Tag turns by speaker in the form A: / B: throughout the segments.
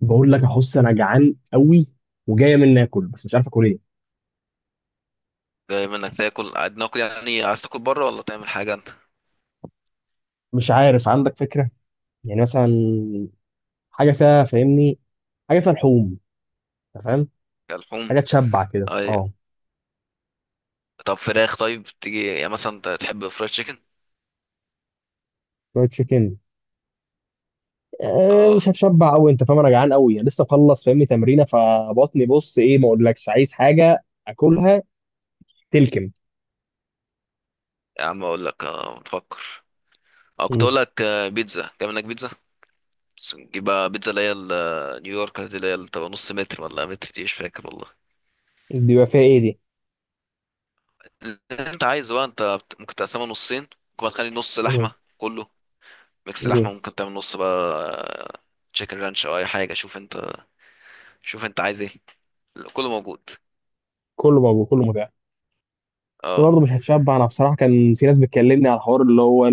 A: بقول لك يا حس، انا جعان قوي وجايه مني اكل، بس مش عارف اكل ايه.
B: دايما انك تاكل قاعد ناكل، يعني عايز تاكل بره ولا تعمل حاجه انت؟
A: مش عارف، عندك فكره؟ يعني مثلا حاجه فيها، فاهمني، حاجه فيها لحوم، أنت فاهم،
B: كلحوم؟
A: حاجه تشبع كده.
B: اي.
A: اه،
B: طب فراخ؟ طيب تيجي يعني مثلا، انت تحب فرايد تشيكن؟
A: شويه تشيكن.
B: اه.
A: مش هتشبع قوي، انت فاهم، انا جعان قوي يعني، لسه مخلص فاهمني تمرينه، فبطني بص ايه، ما اقولكش عايز حاجه اكلها. تلكم.
B: يا عم اقول لك بتفكر، او كنت
A: مم.
B: اقول لك بيتزا، تعمل لك بيتزا. بس نجيب بقى بيتزا اللي هي نيويورك دي، اللي هي اللي بتبقى نص متر ولا متر، دي مش فاكر والله.
A: دي بقى فيها ايه دي؟
B: اللي انت عايزه بقى، انت ممكن تقسمها نصين، ممكن بقى تخلي نص
A: مم.
B: لحمه كله، ميكس
A: مم.
B: لحمه، ممكن تعمل نص بقى تشيكن رانش او اي حاجه. شوف انت، شوف انت عايز ايه، كله موجود.
A: كله موجود، كله متاح. بس
B: اه.
A: برضه مش هتشبع. انا بصراحه كان في ناس بتكلمني على الحوار اللي هو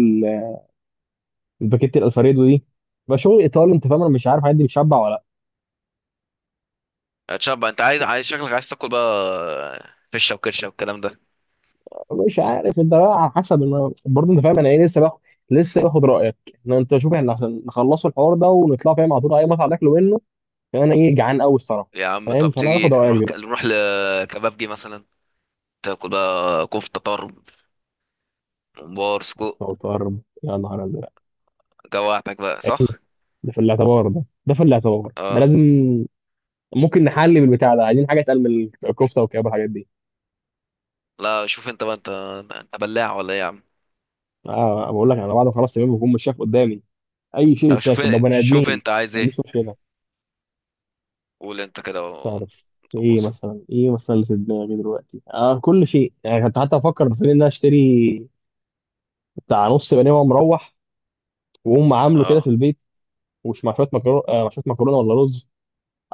A: الباكيت الالفريدو دي، بقى شغل ايطالي، انت فاهم. انا مش عارف عندي بتشبع ولا
B: اتشاب، انت عايز شكلك عايز تاكل بقى فشه وكرشه والكلام ده.
A: لا. مش عارف، انت بقى على حسب. انا برضه، انت فاهم انا ايه، لسه باخد رايك. ان انت شوف، احنا عشان نخلصوا الحوار ده ونطلع فاهم على طول اي مطعم ناكله منه، عشان انا ايه، جعان قوي الصراحه.
B: يا عم،
A: فاهم،
B: طب
A: فانا هاخد
B: تيجي
A: رايك
B: نروح
A: دلوقتي.
B: نروح لكبابجي مثلا، تاكل بقى كفته طرب، ممبار، سجق.
A: أو طرب. يا نهار ازرق.
B: جوعتك بقى صح؟
A: ده في الاعتبار ده
B: اه.
A: لازم. ممكن نحل بالبتاع ده؟ عايزين حاجه اتقل من الكفته والكباب والحاجات دي.
B: لا شوف انت بقى، انت بلاع ولا ايه يا عم؟
A: اه، بقول لك انا بعد ما خلاص تمام بكون مش شايف قدامي اي شيء
B: طب شوف
A: يتاكل لو بني ادمين.
B: شوف انت عايز
A: ما
B: ايه،
A: عنديش مشكله.
B: قول انت كده
A: تعرف، ايه
B: ونظبطها.
A: مثلا ايه مثلا اللي في دماغي دلوقتي، كل شيء؟ يعني كنت حتى افكر في ان انا اشتري بتاع نص بانيه وانا مروح، واقوم عامله كده في
B: اه
A: البيت. ومش مع شويه مكرونه، مع شويه مكرونه ولا رز.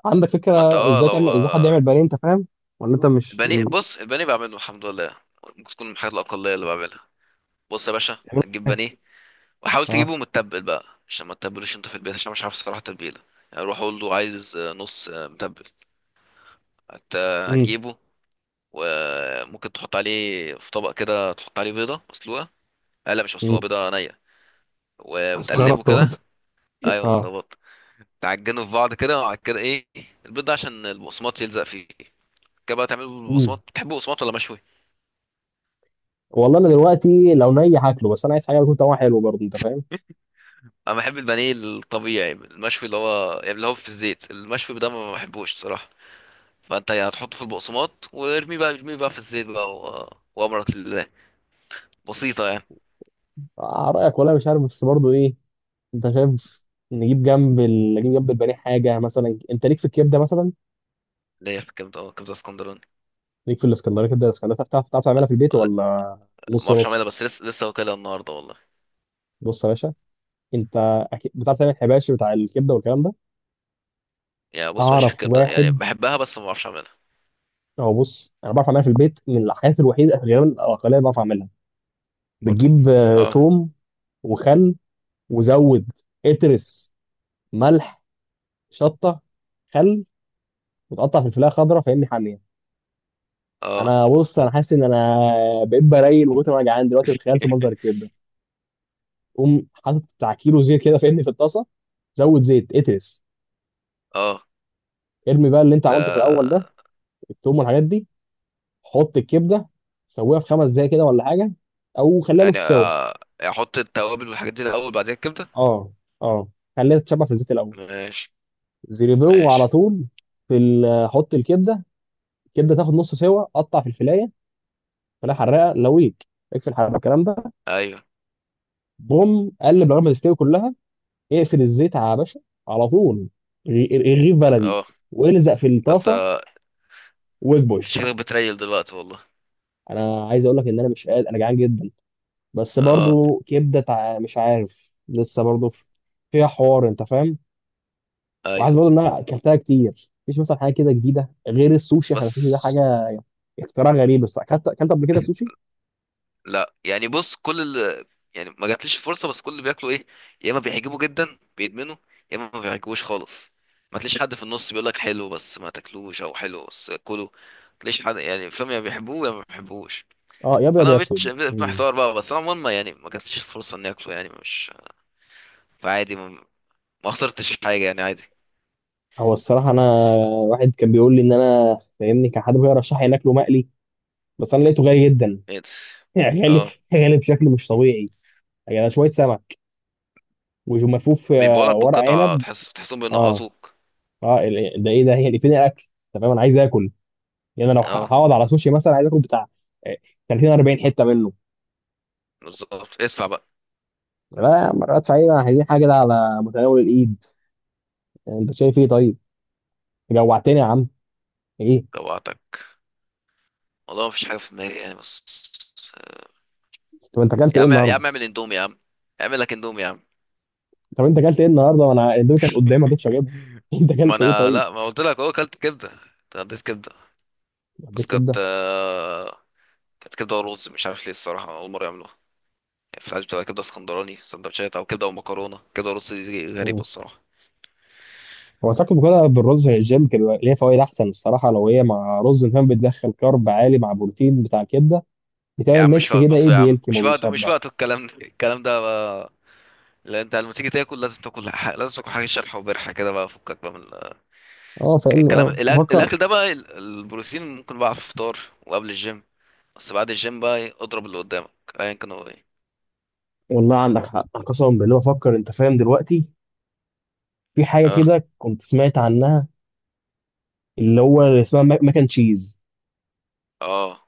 A: عندك
B: ما انت
A: فكره
B: اه لو
A: ازاي حد
B: آه،
A: يعمل بانيه، انت فاهم؟ ولا انت مش
B: البانيه،
A: بتعمله؟
B: بص البانيه بعمله الحمد لله، ممكن تكون من الحاجات الاقليه اللي بعملها. بص يا باشا، هتجيب
A: إزاي؟
B: بانيه وحاول
A: اه.
B: تجيبه متبل بقى عشان ما تتبلوش انت في البيت، عشان مش عارف الصراحه تتبيله. يعني روح قول له عايز نص متبل. هت...
A: امم
B: هتجيبه، وممكن تحط عليه في طبق كده، تحط عليه بيضه مسلوقه. آه لا مش مسلوقه،
A: امم
B: بيضه نيه.
A: استغربت
B: وتقلبه كده.
A: برضه.
B: ايوه
A: اه.
B: اتلخبطت. تعجنه في بعض كده وبعد كده ايه، البيض ده عشان البقسماط يلزق فيه. كده بقى تعمله
A: امم
B: بالبقسماط، بتحبه بقسماط ولا مشوي؟
A: والله انا دلوقتي لو ني هاكله، بس انا عايز حاجه تكون طعمها حلو برضه، انت فاهم.
B: انا بحب البانيه الطبيعي المشوي، اللي هو يعني اللي هو في الزيت، المشوي ده ما بحبوش الصراحه. فانت يعني هتحطه في البقسماط، وارميه بقى ارميه بقى في الزيت بقى وامرك لله، بسيطه يعني.
A: رايك ولا مش عارف، بس برضه ايه، انت شايف؟ نجيب جنب البانيه حاجه مثلا، انت ليك في الكبده مثلا؟
B: اللي هي في الكبده؟ اه كبده اسكندراني.
A: ليك في الاسكندريه، كبده الاسكندريه؟ بتعرف تعملها
B: ولا-
A: في البيت
B: ولا-
A: ولا
B: ما
A: نص
B: اعرفش اعملها،
A: نص؟
B: بس لسه واكلها النهارده والله.
A: بص يا باشا، انت اكيد بتعرف تعمل حباشي بتاع الكبده والكلام ده.
B: يعني بص ماليش في
A: اعرف
B: الكبده، يعني
A: واحد.
B: بحبها بس ما اعرفش اعملها.
A: هو بص، انا بعرف اعملها في البيت، من الحاجات الوحيده غالبا الاقليه اللي بعرف اعملها.
B: برضو.
A: بتجيب
B: اه.
A: توم، وخل، وزود، اترس ملح، شطه، خل، وتقطع في الفلاحه خضراء، فاهمني، حاميه.
B: اه.
A: انا بص، انا حاسس ان انا بقيت برايل من كتر ما انا جعان دلوقتي، وتخيلت منظر الكبده. قوم حاطط بتاع كيلو زيت كده فاهمني في الطاسه، زود زيت، اترس.
B: اه.
A: ارمي بقى اللي انت عملته في الاول
B: ده
A: ده، التوم والحاجات دي. حط الكبده، سويها في خمس دقايق كده ولا حاجه، او خليها
B: يعني
A: نص سوا.
B: يعني احط التوابل والحاجات دي الاول بعدين الكبده؟
A: اه. اه، خليها تتشبع في الزيت الاول،
B: ماشي.
A: زيريبو على
B: ماشي.
A: طول. حط الكبده. الكبده تاخد نص سوا، قطع في الفلايه، فلايه حراقه لويك، اقفل الحراره الكلام ده.
B: ايوه.
A: بوم، قلب لغايه ما تستوي كلها، اقفل الزيت على باشا على طول. الرغيف بلدي،
B: اه.
A: والزق في
B: ده انت
A: الطاسه، واكبش.
B: شكلك بتريل دلوقتي والله.
A: انا عايز اقول لك ان انا مش قادر، انا جعان جدا. بس
B: اه.
A: برضو كبده مش عارف، لسه برضو فيها حوار، انت فاهم. وعايز
B: ايوه
A: برضو، ان انا اكلتها كتير، مفيش مثلا حاجه كده جديده غير السوشي، عشان السوشي ده
B: بس.
A: حاجه اختراع غريب. بس اكلت، اكلت قبل كده سوشي.
B: لا يعني بص يعني ما جاتليش فرصه، بس كل اللي بياكلوا ايه، يا اما بيعجبوا جدا بيدمنوا، يا اما ما بيعجبوش خالص، ما تلاقيش حد في النص بيقول لك حلو بس ما تاكلوش او حلو بس، كله ما تلاقيش حد يعني، فاهم، يا بيحبوه يا ما بيحبوش.
A: اه، يا ابيض
B: فانا ما
A: يا
B: بقتش
A: اسود. مم.
B: محتار بقى، بس انا عموما يعني ما جاتليش فرصه اني اكله، يعني مش، فعادي ما خسرتش حاجه، يعني عادي.
A: هو الصراحه انا، واحد كان بيقول لي ان انا فاهمني، كان حد بيرشح لي ان اكله مقلي، بس انا لقيته غالي جدا.
B: إيه ده؟
A: غالي،
B: اه
A: غالي بشكل مش طبيعي. يعني شويه سمك وملفوف،
B: بيبيعوا لك
A: ورق
B: بالقطعه،
A: عنب.
B: تحس تحسهم
A: اه.
B: بينقطوك.
A: اه، ده ايه ده؟ هي اللي فين الاكل؟ تمام، انا عايز اكل. يعني انا لو
B: اه
A: هقعد على سوشي مثلا، عايز اكل بتاع آه، 30 40 حته منه.
B: بالظبط، ادفع بقى.
A: لا، مرات فعلا عايزين حاجه كده على متناول الايد. يعني انت شايف ايه طيب؟ جوعتني يا عم. ايه؟
B: جوعتك، والله ما فيش حاجه في دماغي يعني، بس.
A: طب انت اكلت
B: يا
A: ايه
B: عم، يا
A: النهارده؟
B: عم اعمل اندومي يا عم، اعمل لك اندومي يا عم.
A: طب انت اكلت ايه النهارده، وانا الاندومي كانت قدامي ما رضيتش اجيبها؟ انت
B: ما
A: اكلت ايه
B: انا،
A: طيب؟
B: لا ما قلت لك اهو، اكلت كبده، اتغديت كبده.
A: عندك
B: بس كانت
A: كبده.
B: كانت كبده ورز، مش عارف ليه الصراحه اول مره يعملوها. يعني في العادي بتبقى كبده اسكندراني سندوتشات، او كبده ومكرونه، كبده ورز دي غريبه الصراحه.
A: هو ساكن مكرونه بالرز، الجيم كده ليها فوائد احسن الصراحه. لو هي مع رز كمان بتدخل كارب عالي مع بروتين بتاع كبده،
B: يا
A: بتعمل
B: عم مش
A: ميكس كده، ايه،
B: وقته يا عم،
A: بيلكم
B: مش وقته، مش
A: وبيشبع.
B: وقته الكلام ده، الكلام ده بقى. لا انت لما تيجي تاكل لازم لازم تاكل حاجه شرح وبرح كده بقى، فكك بقى
A: اه فاهمني،
B: الكلام،
A: اه بفكر.
B: الاكل ده بقى، البروتين ممكن بقى في الفطار وقبل الجيم، بس بعد الجيم بقى اضرب اللي قدامك ايا كان هو ايه.
A: والله عندك حق، أنا قسما بالله بفكر، انت فاهم دلوقتي، في حاجه
B: اه.
A: كده كنت سمعت عنها، اللي هو اللي اسمها ماك اند تشيز،
B: اه.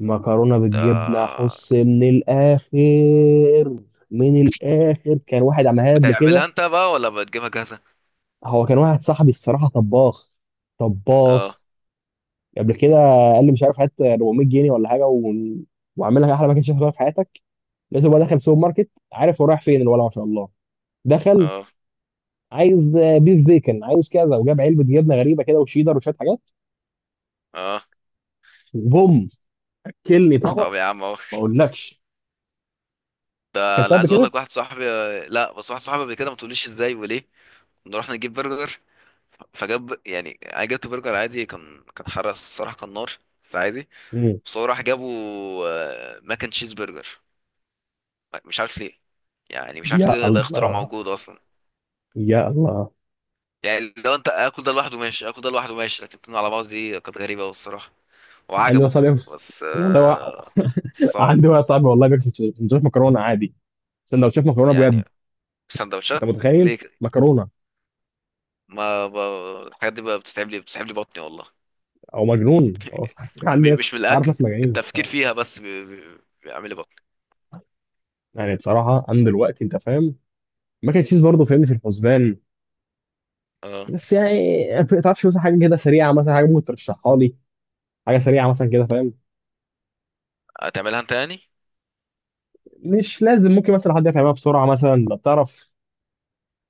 A: مكرونه بالجبنه،
B: آه.
A: احس من الاخر. من الاخر كان واحد عملها قبل
B: بتعملها
A: كده.
B: انت بقى ولا بتجيبها جاهزة؟
A: هو كان واحد صاحبي الصراحه، طباخ، طباخ
B: اه.
A: قبل كده. قال لي مش عارف، هات 400 جنيه ولا حاجه واعمل لك احلى باكج تاكلها في حياتك. لقيته بقى دخل سوبر ماركت، عارف هو رايح فين، الولع ما شاء الله. دخل،
B: اه.
A: عايز بيف بيكن، عايز كذا، وجاب علبه جبنه غريبه كده وشيدر وشويه حاجات.
B: اه.
A: وبوم، اكلني طبق.
B: طب يا عم اهو.
A: ما اقولكش،
B: ده
A: اكلتها
B: انا
A: قبل
B: عايز اقول
A: كده.
B: لك واحد صاحبي. لا بس واحد صاحبي قبل كده، ما تقوليش ازاي وليه، كنا رحنا نجيب برجر، فجاب، يعني انا جبت برجر عادي، كان حرق الصراحة، كان نار بس عادي.
A: مم.
B: بس هو راح جابه ماكن تشيز برجر، مش عارف ليه، يعني مش عارف
A: يا
B: ليه ده اختراع
A: الله،
B: موجود اصلا.
A: يا الله.
B: يعني لو انت اكل ده لوحده ماشي، اكل ده لوحده ماشي، لكن اتنين على بعض دي كانت غريبة أوي الصراحة.
A: عندي واحد
B: وعجبه.
A: صاحبي
B: بس
A: والله
B: آه. صعب.
A: عندي واحد صاحبي والله بياكل سندوتشات مكرونه عادي، سندوتشات مكرونه بجد،
B: يعني
A: انت
B: سندوتشات؟
A: متخيل؟
B: ليه كده؟
A: مكرونه.
B: ما ب- الحاجات دي بقى بتتعب لي بطني والله.
A: او مجنون. هو عندي ناس،
B: مش من
A: اعرف
B: الاكل،
A: ناس مجانين.
B: التفكير فيها بس بيعمل لي بطني.
A: يعني بصراحه انا دلوقتي، انت فاهم، ماك اند تشيز برضه فاهمني في الحسبان.
B: اه.
A: بس يعني، ما تعرفش مثلا حاجه كده سريعه، مثلا حاجه ممكن ترشحها لي، حاجه سريعه مثلا كده فاهم؟
B: هتعملها انت يعني؟
A: مش لازم، ممكن مثلا حد يفهمها بسرعه، مثلا لو تعرف،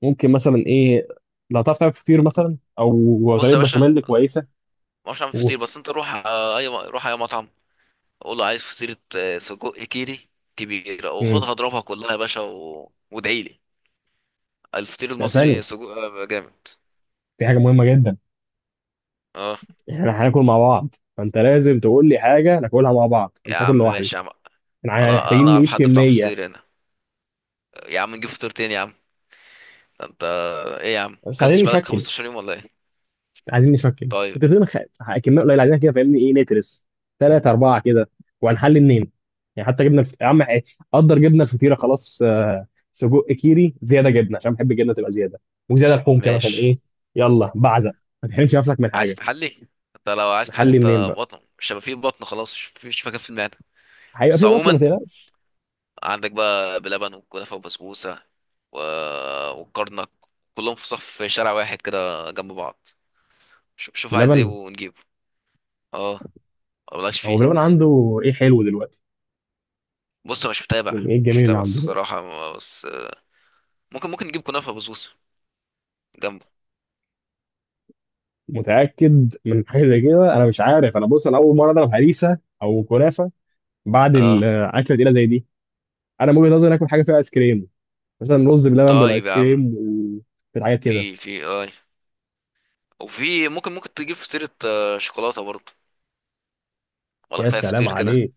A: ممكن مثلا ايه، لو تعرف تعمل فطير مثلا او
B: بص يا
A: طريقه
B: باشا،
A: بشاميل
B: ما
A: كويسه.
B: اعرفش اعمل
A: و...
B: فطير، بس انت روح اي روح اي مطعم قول له عايز فطيرة سجق كيري كبيرة،
A: مم.
B: وخدها اضربها كلها يا باشا وادعي لي. الفطير
A: لا، ثانيه،
B: المصري سجق جامد.
A: في حاجه مهمه جدا.
B: اه
A: احنا هناكل مع بعض، فانت لازم تقول لي حاجه ناكلها مع بعض، أنا
B: يا
A: مش هاكل
B: عم
A: لوحدي.
B: ماشي يا عم.
A: احنا يعني
B: انا انا
A: محتاجين
B: اعرف
A: نجيب
B: حد بتاع
A: كميه،
B: فطير هنا، يا عم نجيب فطير تاني يا عم. ده انت، ايه يا عم؟
A: بس عايزين
B: اكلتش بقالك
A: نشكل.
B: 15 يوم ولا ايه؟
A: عايزين نشكل
B: طيب
A: فترتين، كميه قليله، عايزين كده فاهمني، ايه، نترس ثلاثه اربعه كده، وهنحل اتنين. يعني حتى جبنا يا عم إيه، قدر جبنا الفطيره خلاص، سجق كيري، زياده جبنه عشان بحب الجبنه تبقى زياده، وزياده لحوم كمان عشان
B: ماشي.
A: ايه. يلا بعزق، ما تحرمش نفسك من
B: عايز
A: حاجه.
B: تحلي؟ انت لو عايز تحلي،
A: نحل
B: انت
A: منين بقى؟
B: بطن مش هيبقى فيه، بطن خلاص مش، مش مكان في المعده.
A: هيبقى
B: بس
A: في بطن، ما
B: عموما
A: تقلقش.
B: عندك بقى بلبن وكنافه وبسبوسه و... والكرنك، كلهم في صف في شارع واحد كده جنب بعض. شوف، شوف عايز ايه
A: بلبن.
B: ونجيبه. اه. مبلاش
A: هو
B: فيه.
A: بلبن عنده ايه حلو دلوقتي؟
B: بص انا مش متابع،
A: يعني ايه
B: مش
A: الجميل اللي
B: متابع
A: عنده دلوقتي؟
B: الصراحه، بس ممكن، ممكن نجيب كنافه وبسبوسه جنبه.
A: متاكد من حاجه زي كده؟ انا مش عارف. انا بص، انا اول مره اضرب هريسه او كنافه بعد
B: اه.
A: الاكله تقيله زي دي. انا من وجهه نظري، اكل حاجه فيها ايس كريم، مثلا رز بلبن
B: طيب
A: بالايس
B: يا عم،
A: كريم، وكده حاجه كده.
B: في في اي، وفي ممكن، ممكن تجيب فطيرة شوكولاتة برضه، ولا
A: يا
B: كفاية
A: سلام
B: فطير كده؟
A: عليك.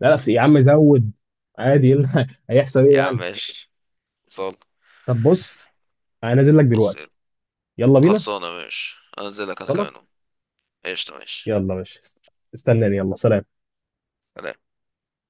A: لا لا يا عم، زود، عادي، إيه اللي هيحصل ايه
B: يا عم
A: يعني؟
B: ماشي. صال.
A: طب بص، انا نازل لك
B: بص
A: دلوقتي. يلا بينا.
B: خلصانة ماشي، انزل لك انا
A: صنع.
B: كمان أهو. قشطة ماشي.
A: يلا ماشي، استناني. يلا سلام.
B: سلام.